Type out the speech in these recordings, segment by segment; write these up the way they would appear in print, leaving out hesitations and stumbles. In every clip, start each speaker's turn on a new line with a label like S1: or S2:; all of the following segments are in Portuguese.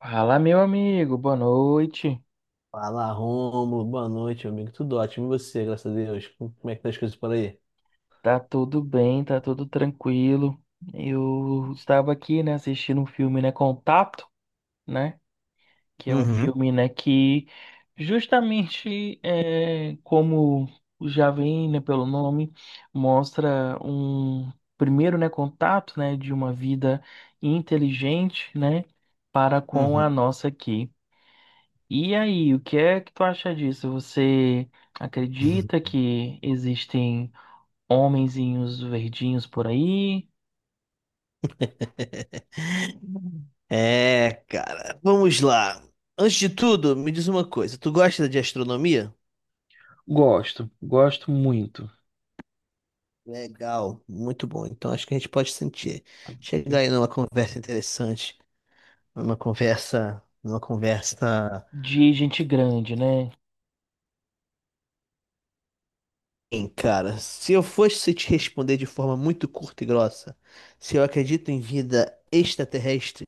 S1: Fala, meu amigo, boa noite.
S2: Fala, Rômulo. Boa noite, meu amigo. Tudo ótimo. E você, graças a Deus? Como é que tá as coisas por aí?
S1: Tá tudo bem, tá tudo tranquilo. Eu estava aqui, né, assistindo um filme, né, Contato, né, que é um filme, né, que justamente é, como já vem, né, pelo nome, mostra um primeiro, né, contato, né, de uma vida inteligente, né, para com a
S2: Uhum.
S1: nossa aqui. E aí, o que é que tu acha disso? Você acredita que existem homenzinhos verdinhos por aí,
S2: É, cara, vamos lá. Antes de tudo, me diz uma coisa. Tu gosta de astronomia?
S1: Gosto, gosto muito.
S2: Legal, muito bom. Então acho que a gente pode sentir. Chegar aí numa conversa interessante, numa conversa.
S1: De gente grande, né?
S2: Bem, cara, se eu fosse te responder de forma muito curta e grossa, se eu acredito em vida extraterrestre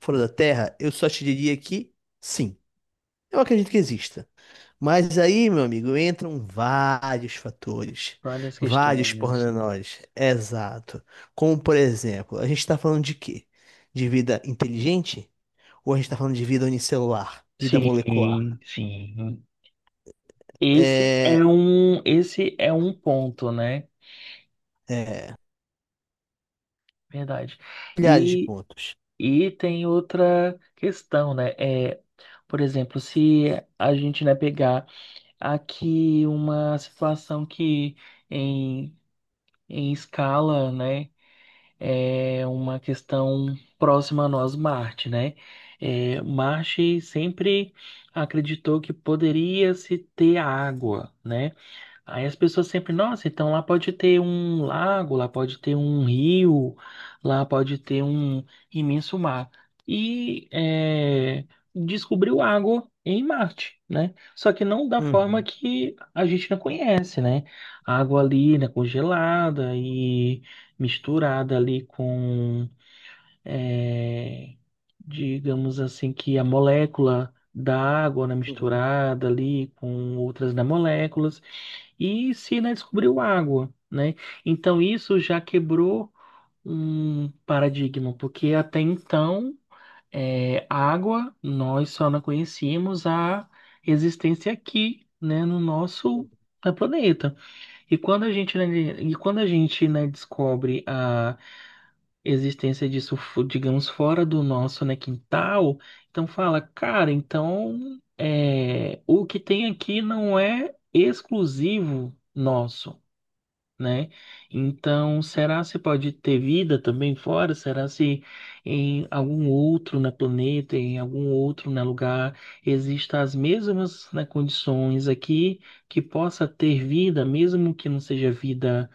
S2: fora da Terra, eu só te diria que sim, eu acredito que exista. Mas aí, meu amigo, entram vários fatores,
S1: Várias
S2: vários
S1: questões.
S2: pormenores. Exato. Como, por exemplo, a gente está falando de quê? De vida inteligente? Ou a gente está falando de vida unicelular, vida molecular?
S1: Sim, sim. Esse é
S2: É,
S1: um, esse é um ponto, né?
S2: é,
S1: Verdade.
S2: milhares de
S1: E,
S2: pontos.
S1: e tem outra questão, né? É, por exemplo, se a gente, né, pegar aqui uma situação que em, em escala, né? É uma questão próxima a nós, Marte, né? É, Marte sempre acreditou que poderia se ter água, né? Aí as pessoas sempre, nossa, então lá pode ter um lago, lá pode ter um rio, lá pode ter um imenso mar. E é, descobriu água em Marte, né? Só que não da forma
S2: Uhum.
S1: que a gente não conhece, né? A água ali, né, congelada e misturada ali com, é, digamos assim, que a molécula da água, né,
S2: Uhum.
S1: misturada ali com outras da moléculas e Sina descobriu água, né? Então isso já quebrou um paradigma, porque até então é, água nós só não conhecíamos a existência aqui, né, no nosso planeta. E quando a gente, né, e quando a gente, né, descobre a existência disso, digamos, fora do nosso, né, quintal, então fala, cara, então é, o que tem aqui não é exclusivo nosso né? Então, será se pode ter vida também fora? Será se em algum outro na planeta, em algum outro na lugar, existem as mesmas, né, condições aqui que possa ter vida, mesmo que não seja vida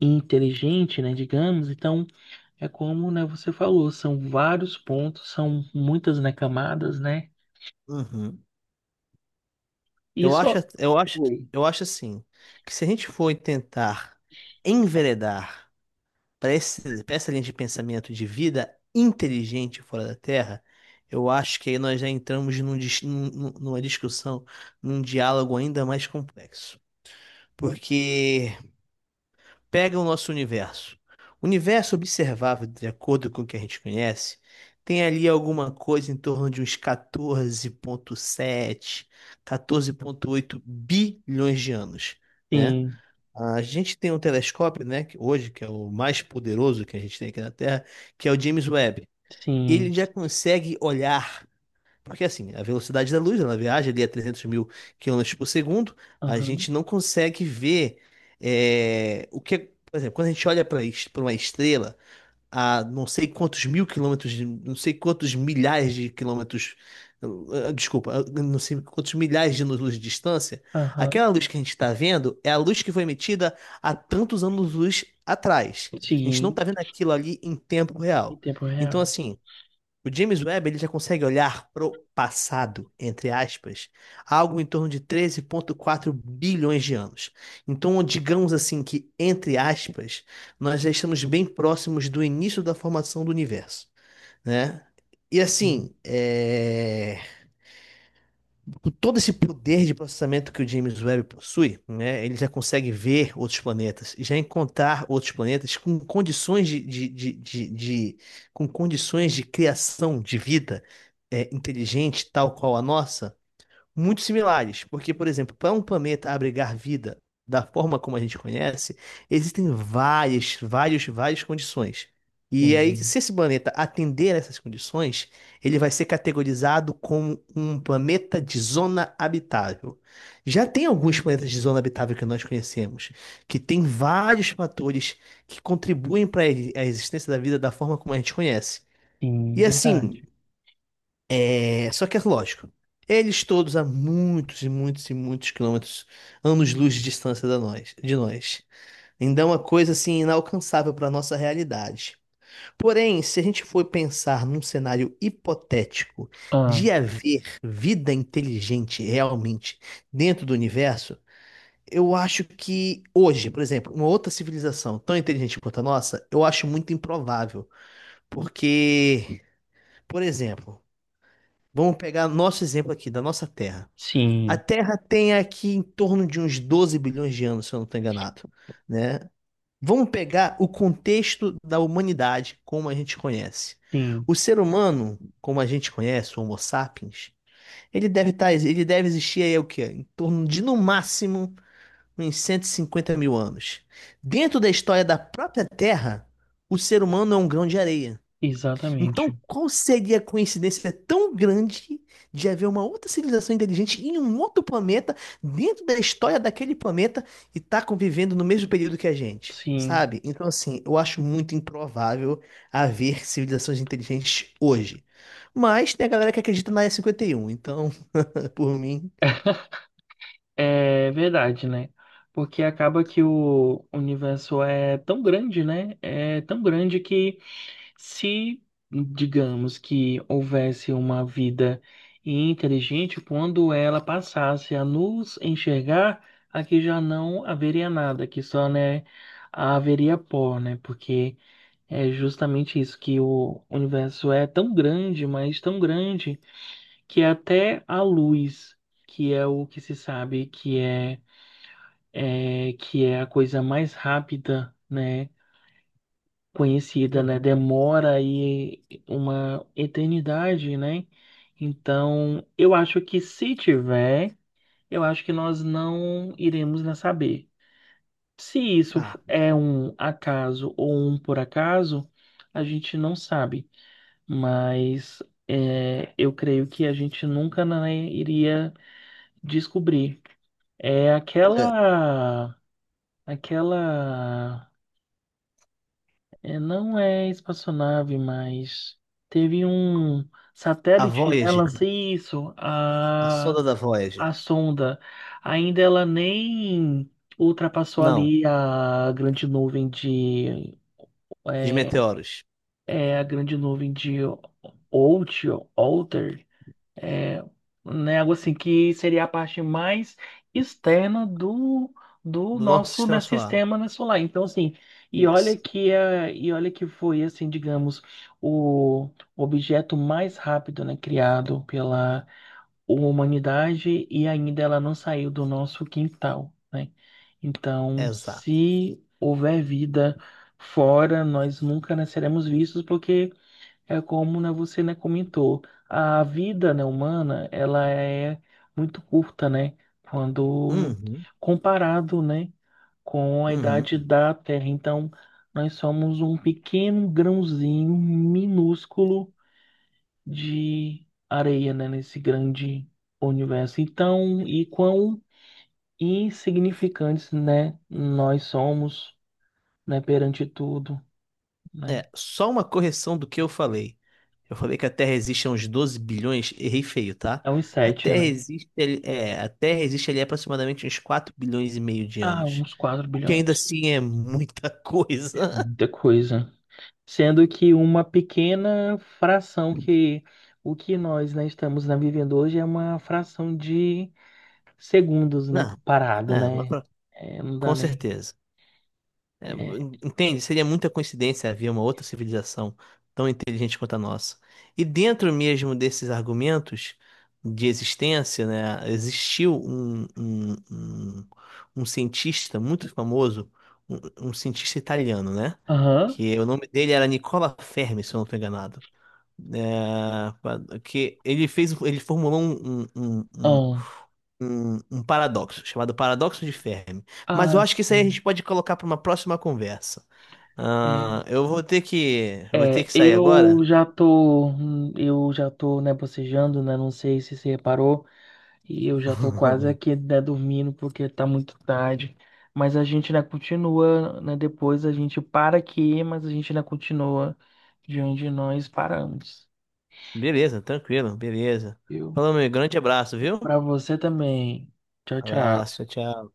S1: inteligente, né, digamos? Então, é como, né, você falou, são vários pontos, são muitas, né, camadas, né?
S2: Uhum. Eu acho,
S1: Isso.
S2: eu acho,
S1: Oi.
S2: eu acho assim, que se a gente for tentar enveredar para essa linha de pensamento de vida inteligente fora da Terra, eu acho que aí nós já entramos numa discussão, num diálogo ainda mais complexo. Porque pega o nosso universo. O universo observável, de acordo com o que a gente conhece, tem ali alguma coisa em torno de uns 14,7, oito bilhões de anos, né?
S1: Sim,
S2: A gente tem um telescópio, né, que hoje, que é o mais poderoso que a gente tem aqui na Terra, que é o James Webb. Ele
S1: sim.
S2: já consegue olhar porque assim, a velocidade da luz, ela viaja ali a 300 mil quilômetros por segundo. A
S1: Aham,
S2: gente não consegue ver é, o que, é- por exemplo, quando a gente olha para uma estrela a não sei quantos mil quilômetros, não sei quantos milhares de quilômetros, desculpa, não sei quantos milhares de anos-luz de distância,
S1: aham.
S2: aquela luz que a gente está vendo é a luz que foi emitida há tantos anos-luz atrás. A gente não
S1: Sim,
S2: está vendo aquilo ali em tempo
S1: em
S2: real.
S1: tempo
S2: Então,
S1: real.
S2: assim, o James Webb ele já consegue olhar pro passado, entre aspas, algo em torno de 13,4 bilhões de anos. Então, digamos assim que, entre aspas, nós já estamos bem próximos do início da formação do universo, né? E
S1: Hum,
S2: assim, é com todo esse poder de processamento que o James Webb possui, né, ele já consegue ver outros planetas, já encontrar outros planetas com condições de- com condições de criação de vida inteligente, tal qual a nossa, muito similares, porque, por exemplo, para um planeta abrigar vida da forma como a gente conhece, existem várias condições. E aí,
S1: Sim.
S2: se esse planeta atender a essas condições, ele vai ser categorizado como um planeta de zona habitável. Já tem alguns planetas de zona habitável que nós conhecemos, que tem vários fatores que contribuem para a existência da vida da forma como a gente conhece.
S1: Sim,
S2: E
S1: verdade.
S2: assim, é, só que é lógico. Eles todos há muitos e muitos e muitos quilômetros, anos-luz de distância de nós. Então é uma coisa assim inalcançável para nossa realidade. Porém, se a gente for pensar num cenário hipotético
S1: Ah,
S2: de haver vida inteligente realmente dentro do universo, eu acho que hoje, por exemplo, uma outra civilização tão inteligente quanto a nossa, eu acho muito improvável, porque, por exemplo, vamos pegar nosso exemplo aqui da nossa Terra. A
S1: sim,
S2: Terra tem aqui em torno de uns 12 bilhões de anos, se eu não estou enganado, né? Vamos pegar o contexto da humanidade como a gente conhece.
S1: sim,
S2: O ser humano, como a gente conhece, o Homo sapiens, ele deve existir aí o quê? Em torno de no máximo uns 150.000 anos. Dentro da história da própria Terra, o ser humano é um grão de areia. Então,
S1: exatamente.
S2: qual seria a coincidência tão grande de haver uma outra civilização inteligente em um outro planeta, dentro da história daquele planeta, e tá convivendo no mesmo período que a gente?
S1: Sim,
S2: Sabe? Então, assim, eu acho muito improvável haver civilizações inteligentes hoje. Mas tem a galera que acredita na E51, então, por mim.
S1: é verdade, né? Porque acaba que o universo é tão grande, né? É tão grande que se, digamos, que houvesse uma vida inteligente, quando ela passasse a nos enxergar, aqui já não haveria nada, aqui só, né, haveria pó, né? Porque é justamente isso, que o universo é tão grande, mas tão grande, que é até a luz, que é o que se sabe que é, é que é a coisa mais rápida, né, conhecida, né,
S2: Uhum.
S1: demora aí uma eternidade, né? Então, eu acho que se tiver, eu acho que nós não iremos né, saber. Se isso
S2: Ah,
S1: é um acaso ou um por acaso, a gente não sabe. Mas é, eu creio que a gente nunca, né, iria descobrir. É
S2: olha,
S1: aquela, aquela, é, não é espaçonave, mas teve um
S2: a
S1: satélite, né,
S2: Voyager,
S1: lança isso,
S2: a sonda da
S1: a
S2: Voyager.
S1: sonda, ainda ela nem ultrapassou
S2: Não,
S1: ali a grande nuvem de,
S2: de
S1: é,
S2: meteoros.
S1: é a grande nuvem de Oort, Oort, É, né, algo assim que seria a parte mais externa do, do
S2: Do nosso
S1: nosso
S2: sistema
S1: né,
S2: solar.
S1: sistema né, solar. Então, assim, e
S2: Isso,
S1: olha que é, e olha que foi assim, digamos, o objeto mais rápido, né, criado pela humanidade e ainda ela não saiu do nosso quintal, né? Então,
S2: exato.
S1: se houver vida fora, nós nunca, né, seremos vistos porque é como, né, você, né, comentou, a vida, né, humana, ela é muito curta, né, quando
S2: Uhum,
S1: comparado, né, com a idade
S2: uhum.
S1: da Terra. Então, nós somos um pequeno grãozinho minúsculo de areia, né, nesse grande universo. Então, e quão insignificantes, né, nós somos, né, perante tudo, né?
S2: É, só uma correção do que eu falei. Eu falei que a Terra existe há uns 12 bilhões, errei feio, tá?
S1: É uns
S2: A
S1: sete,
S2: Terra
S1: né?
S2: existe, é, a Terra existe ali há aproximadamente uns 4,5 bilhões de
S1: Ah,
S2: anos.
S1: uns 4
S2: O que ainda
S1: bilhões.
S2: assim é muita
S1: É
S2: coisa.
S1: muita coisa. Sendo que uma pequena fração que o que nós, né, estamos né, vivendo hoje é uma fração de segundos, né,
S2: Não,
S1: comparado,
S2: é,
S1: né? É, não dá
S2: com
S1: nem.
S2: certeza. É,
S1: É.
S2: entende? Seria muita coincidência haver uma outra civilização tão inteligente quanto a nossa. E dentro mesmo desses argumentos de existência, né, existiu um cientista muito famoso, um cientista italiano, né?
S1: Aham.
S2: Que o nome dele era Nicola Fermi, se eu não estou enganado. Que ele fez, ele formulou
S1: Ahn.
S2: um paradoxo, chamado paradoxo de Fermi. Mas eu
S1: Ah,
S2: acho que isso aí a
S1: sim.
S2: gente pode colocar para uma próxima conversa.
S1: É,
S2: Ah, eu vou ter
S1: é,
S2: que sair agora.
S1: eu já tô, né, bocejando, né? Não sei se você reparou. E eu já tô quase aqui né, dormindo porque tá muito tarde. Mas a gente ainda continua, né? Depois a gente para aqui, mas a gente ainda continua de onde nós paramos,
S2: Beleza, tranquilo, beleza.
S1: viu?
S2: Falou, meu grande abraço, viu?
S1: Pra você também. Tchau, tchau.
S2: Abraço, tchau.